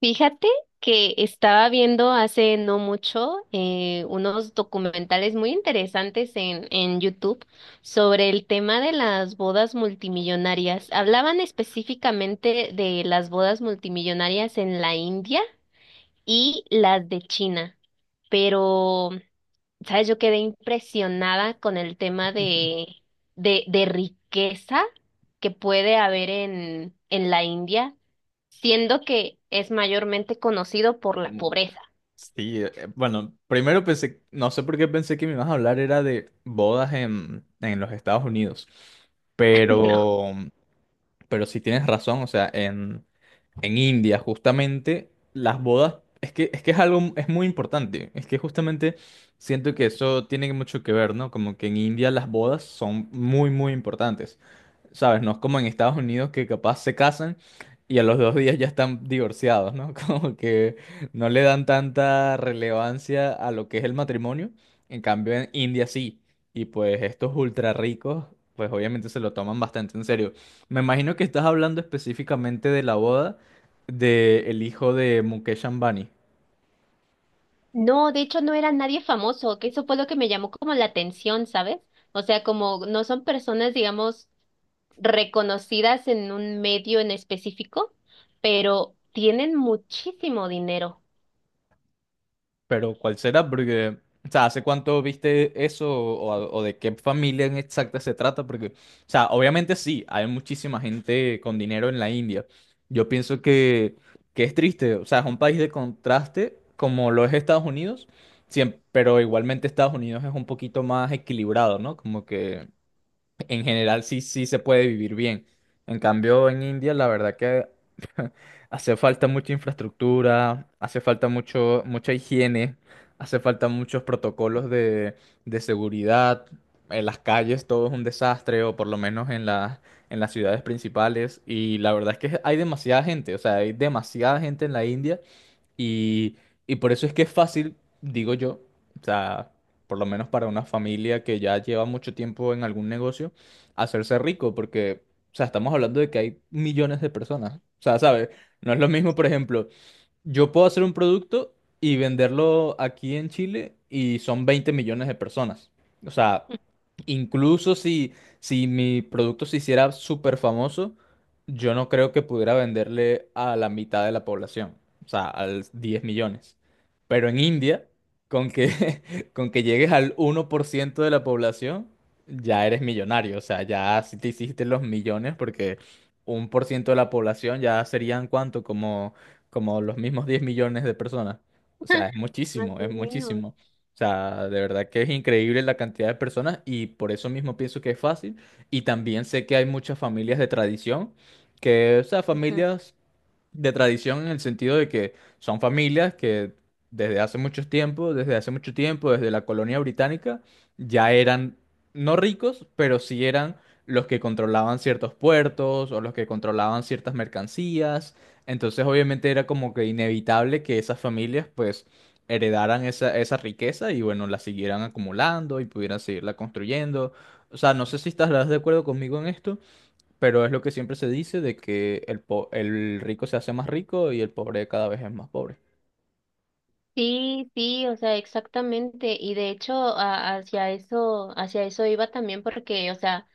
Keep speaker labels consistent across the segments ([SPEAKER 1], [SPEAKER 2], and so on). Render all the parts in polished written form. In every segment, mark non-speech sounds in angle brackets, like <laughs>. [SPEAKER 1] Fíjate que estaba viendo hace no mucho unos documentales muy interesantes en YouTube sobre el tema de las bodas multimillonarias. Hablaban específicamente de las bodas multimillonarias en la India y las de China, pero, ¿sabes? Yo quedé impresionada con el tema de riqueza que puede haber en la India siendo que es mayormente conocido por la
[SPEAKER 2] Como,
[SPEAKER 1] pobreza.
[SPEAKER 2] sí, bueno, primero pensé, no sé por qué pensé que me ibas a hablar era de bodas en los Estados Unidos,
[SPEAKER 1] <laughs> ¿No?
[SPEAKER 2] pero, pero sí tienes razón, o sea, en India justamente las bodas, es que es algo, es muy importante, es que justamente siento que eso tiene mucho que ver, ¿no? Como que en India las bodas son muy, muy importantes. ¿Sabes? No es como en Estados Unidos que capaz se casan y a los 2 días ya están divorciados, ¿no? <laughs> Como que no le dan tanta relevancia a lo que es el matrimonio. En cambio, en India sí. Y pues estos ultra ricos, pues obviamente se lo toman bastante en serio. Me imagino que estás hablando específicamente de la boda del hijo de Mukesh Ambani.
[SPEAKER 1] No, de hecho no era nadie famoso, que eso fue lo que me llamó como la atención, ¿sabes? O sea, como no son personas, digamos, reconocidas en un medio en específico, pero tienen muchísimo dinero.
[SPEAKER 2] Pero ¿cuál será? Porque, o sea, ¿hace cuánto viste eso o, o de qué familia en exacta se trata? Porque, o sea, obviamente sí, hay muchísima gente con dinero en la India. Yo pienso que es triste, o sea, es un país de contraste como lo es Estados Unidos, pero igualmente Estados Unidos es un poquito más equilibrado, ¿no? Como que en general sí, sí se puede vivir bien. En cambio, en India, la verdad que <laughs> hace falta mucha infraestructura, hace falta mucho, mucha higiene, hace falta muchos protocolos de seguridad. En las calles todo es un desastre, o por lo menos en las ciudades principales. Y la verdad es que hay demasiada gente, o sea, hay demasiada gente en la India y, y por eso es que es fácil, digo yo, o sea, por lo menos para una familia que ya lleva mucho tiempo en algún negocio, hacerse rico, porque, o sea, estamos hablando de que hay millones de personas. O sea, ¿sabes? No es lo mismo, por ejemplo, yo puedo hacer un producto y venderlo aquí en Chile y son 20 millones de personas. O sea, incluso si mi producto se hiciera súper famoso, yo no creo que pudiera venderle a la mitad de la población, o sea, al 10 millones. Pero en India, con que, <laughs> con que llegues al 1% de la población, ya eres millonario. O sea, ya si te hiciste los millones, porque 1% de la población ya serían cuánto, como los mismos 10 millones de personas. O sea, es
[SPEAKER 1] <laughs> Más
[SPEAKER 2] muchísimo, es
[SPEAKER 1] o menos.
[SPEAKER 2] muchísimo. O sea, de verdad que es increíble la cantidad de personas y por eso mismo pienso que es fácil. Y también sé que hay muchas familias de tradición, que, o sea,
[SPEAKER 1] Ujú.
[SPEAKER 2] familias de tradición en el sentido de que son familias que desde hace mucho tiempo, desde hace mucho tiempo, desde la colonia británica, ya eran no ricos, pero sí eran los que controlaban ciertos puertos o los que controlaban ciertas mercancías. Entonces, obviamente era como que inevitable que esas familias pues heredaran esa riqueza y bueno, la siguieran acumulando y pudieran seguirla construyendo. O sea, no sé si estarás de acuerdo conmigo en esto, pero es lo que siempre se dice de que el rico se hace más rico y el pobre cada vez es más pobre.
[SPEAKER 1] Sí, sí, o sea, exactamente. Y de hecho, hacia eso iba también porque, o sea,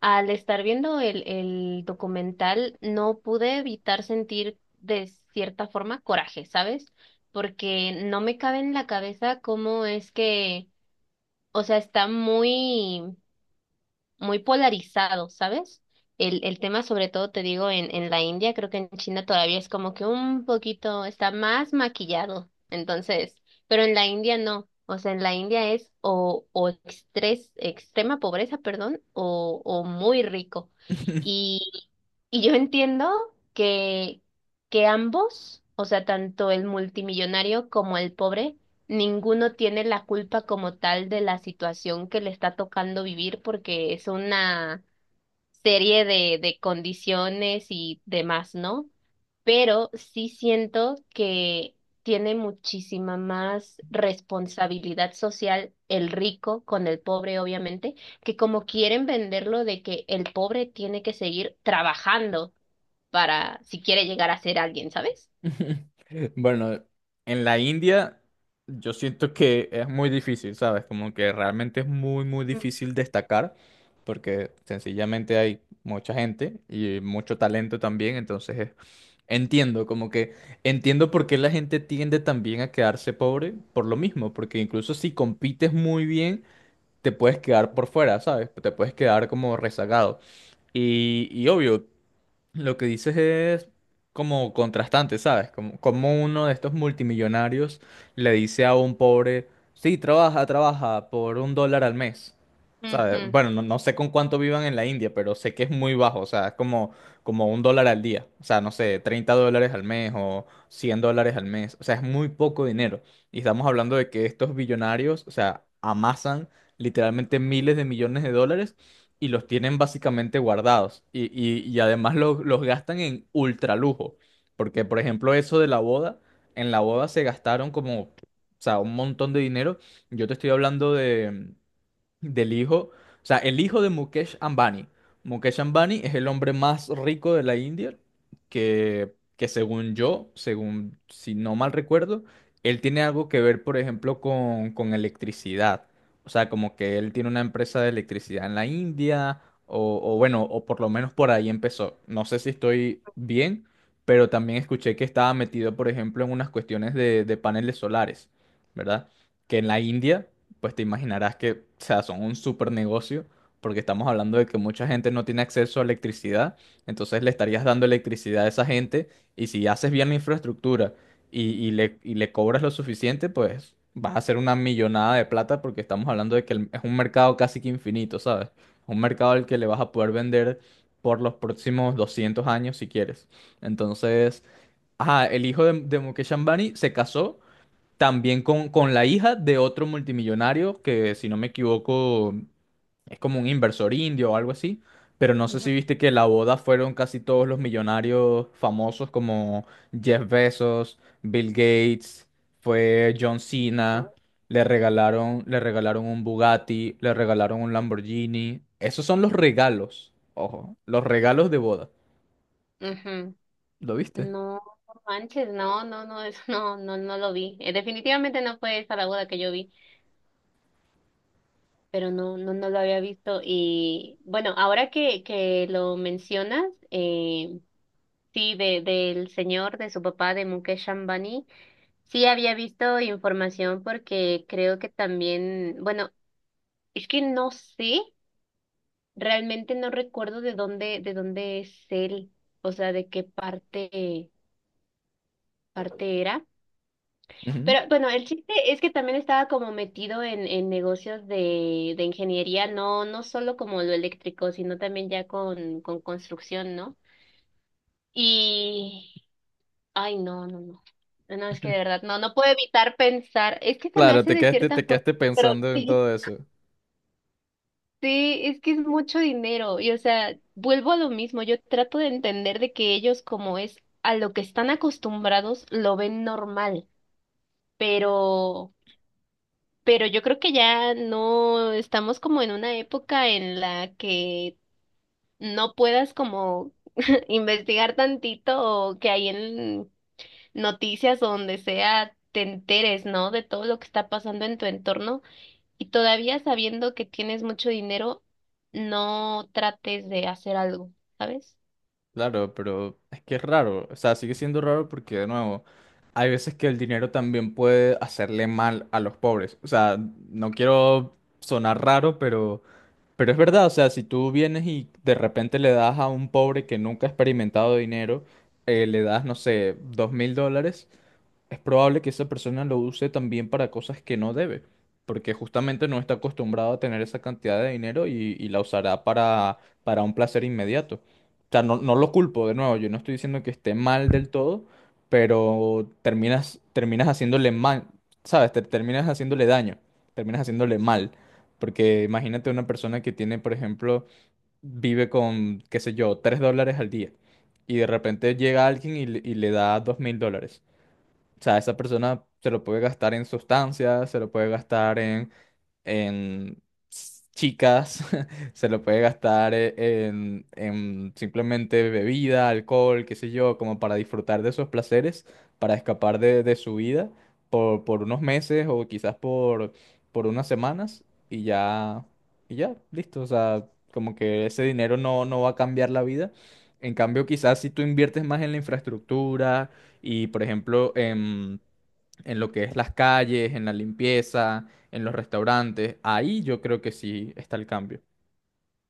[SPEAKER 1] al estar viendo el documental, no pude evitar sentir de cierta forma coraje, ¿sabes? Porque no me cabe en la cabeza cómo es que, o sea, está muy muy polarizado, ¿sabes? El tema, sobre todo, te digo, en la India, creo que en China todavía es como que un poquito, está más maquillado. Entonces, pero en la India no. O sea, en la India es o extrema pobreza, perdón, o muy rico.
[SPEAKER 2] <laughs>
[SPEAKER 1] Y, y yo entiendo que, que ambos, o sea, tanto el multimillonario como el pobre, ninguno tiene la culpa como tal de la situación que le está tocando vivir porque es una serie de condiciones y demás, ¿no? Pero sí siento que tiene muchísima más responsabilidad social el rico con el pobre, obviamente, que como quieren venderlo de que el pobre tiene que seguir trabajando para si quiere llegar a ser alguien, ¿sabes?
[SPEAKER 2] Bueno, en la India yo siento que es muy difícil, ¿sabes? Como que realmente es muy, muy
[SPEAKER 1] Ujú,
[SPEAKER 2] difícil destacar porque sencillamente hay mucha gente y mucho talento también, entonces entiendo, como que entiendo por qué la gente tiende también a quedarse pobre por lo mismo, porque incluso si compites muy bien te puedes quedar por fuera, ¿sabes? Te puedes quedar como rezagado. Y obvio, lo que dices es como contrastante, ¿sabes? Como, como uno de estos multimillonarios le dice a un pobre, sí, trabaja, trabaja por 1 dólar al mes. ¿Sabes? Bueno, no, no sé con cuánto vivan en la India, pero sé que es muy bajo, o sea, es como 1 dólar al día. O sea, no sé, 30 dólares al mes o 100 dólares al mes. O sea, es muy poco dinero. Y estamos hablando de que estos billonarios, o sea, amasan literalmente miles de millones de dólares y los tienen básicamente guardados. Y además los gastan en ultra lujo. Porque, por ejemplo, eso de la boda, en la boda se gastaron como, o sea, un montón de dinero. Yo te estoy hablando de del hijo, o sea, el hijo de Mukesh Ambani. Mukesh Ambani es el hombre más rico de la India, que según yo, según si no mal recuerdo, él tiene algo que ver, por ejemplo, con electricidad. O sea, como que él tiene una empresa de electricidad en la India, o bueno, o por lo menos por ahí empezó. No sé si estoy bien, pero también escuché que estaba metido, por ejemplo, en unas cuestiones de paneles solares, ¿verdad? Que en la India pues te imaginarás que, o sea, son un super negocio, porque estamos hablando de que mucha gente no tiene acceso a electricidad, entonces le estarías dando electricidad a esa gente, y si haces bien la infraestructura y le cobras lo suficiente, pues vas a hacer una millonada de plata, porque estamos hablando de que es un mercado casi que infinito, ¿sabes? Un mercado al que le vas a poder vender por los próximos 200 años si quieres. Entonces, ajá, el hijo de Mukesh Ambani se casó también con la hija de otro multimillonario que, si no me equivoco, es como un inversor indio o algo así. Pero no sé
[SPEAKER 1] ujú,
[SPEAKER 2] si viste que la boda fueron casi todos los millonarios famosos como Jeff Bezos, Bill Gates, fue John Cena. Le regalaron un Bugatti, le regalaron un Lamborghini. Esos son los regalos. Ojo, los regalos de boda.
[SPEAKER 1] ujú.
[SPEAKER 2] ¿Lo viste?
[SPEAKER 1] No, no manches, no, no, no, <laughs> eso no, no, no lo vi. Definitivamente no fue esa la boda que yo vi, pero no, no, no lo había visto. Y bueno, ahora que lo mencionas, eh, sí, del señor, de su papá, de Mukesh Ambani, sí había visto información porque creo que también, bueno, es que no sé, realmente no recuerdo de dónde es él, o sea, de qué parte, parte era.
[SPEAKER 2] Ujú.
[SPEAKER 1] Pero bueno, el chiste es que también estaba como metido en negocios de ingeniería, no, no solo como lo eléctrico, sino también ya con construcción, ¿no? Y, ay, no, no, no. No, es que de
[SPEAKER 2] <laughs>
[SPEAKER 1] verdad, no, no puedo evitar pensar, es que se me
[SPEAKER 2] Claro,
[SPEAKER 1] hace
[SPEAKER 2] te
[SPEAKER 1] de
[SPEAKER 2] quedaste,
[SPEAKER 1] cierta
[SPEAKER 2] te
[SPEAKER 1] forma,
[SPEAKER 2] quedaste
[SPEAKER 1] pero
[SPEAKER 2] pensando en
[SPEAKER 1] sí,
[SPEAKER 2] todo eso.
[SPEAKER 1] sí, es que es mucho dinero. Y o sea, vuelvo a lo mismo, yo trato de entender de que ellos como es a lo que están acostumbrados, lo ven normal, pero... Pero yo creo que ya no estamos como en una época en la que no puedas como <laughs> investigar tantito o que hay en noticias o donde sea te enteres, ¿no? De todo lo que está pasando en tu entorno y todavía sabiendo que tienes mucho dinero, no trates de hacer algo, ¿sabes?
[SPEAKER 2] Claro, pero es que es raro, o sea, sigue siendo raro porque de nuevo, hay veces que el dinero también puede hacerle mal a los pobres. O sea, no quiero sonar raro, pero es verdad, o sea, si tú vienes y de repente le das a un pobre que nunca ha experimentado dinero, le das, no sé, 2.000 dólares es probable que esa persona lo use también para cosas que no debe, porque justamente no está acostumbrado a tener esa cantidad de dinero y la usará para un placer inmediato. O sea, no, no lo culpo, de nuevo, yo no estoy diciendo que esté mal del todo, pero terminas haciéndole mal, ¿sabes? Terminas haciéndole daño, terminas haciéndole mal. Porque imagínate una persona que tiene, por ejemplo, vive con, qué sé yo, 3 dólares al día y de repente llega alguien y le da 2.000 dólares. O sea, esa persona se lo puede gastar en sustancias, se lo puede gastar en chicas, <laughs> se lo puede gastar en, simplemente bebida, alcohol, qué sé yo, como para disfrutar de esos placeres, para escapar de su vida por unos meses o quizás por unas semanas y ya, y ya, listo. O sea, como que ese dinero no, no va a cambiar la vida. En cambio, quizás si tú inviertes más en la infraestructura y, por ejemplo, en lo que es las calles, en la limpieza, en los restaurantes. Ahí yo creo que sí está el cambio.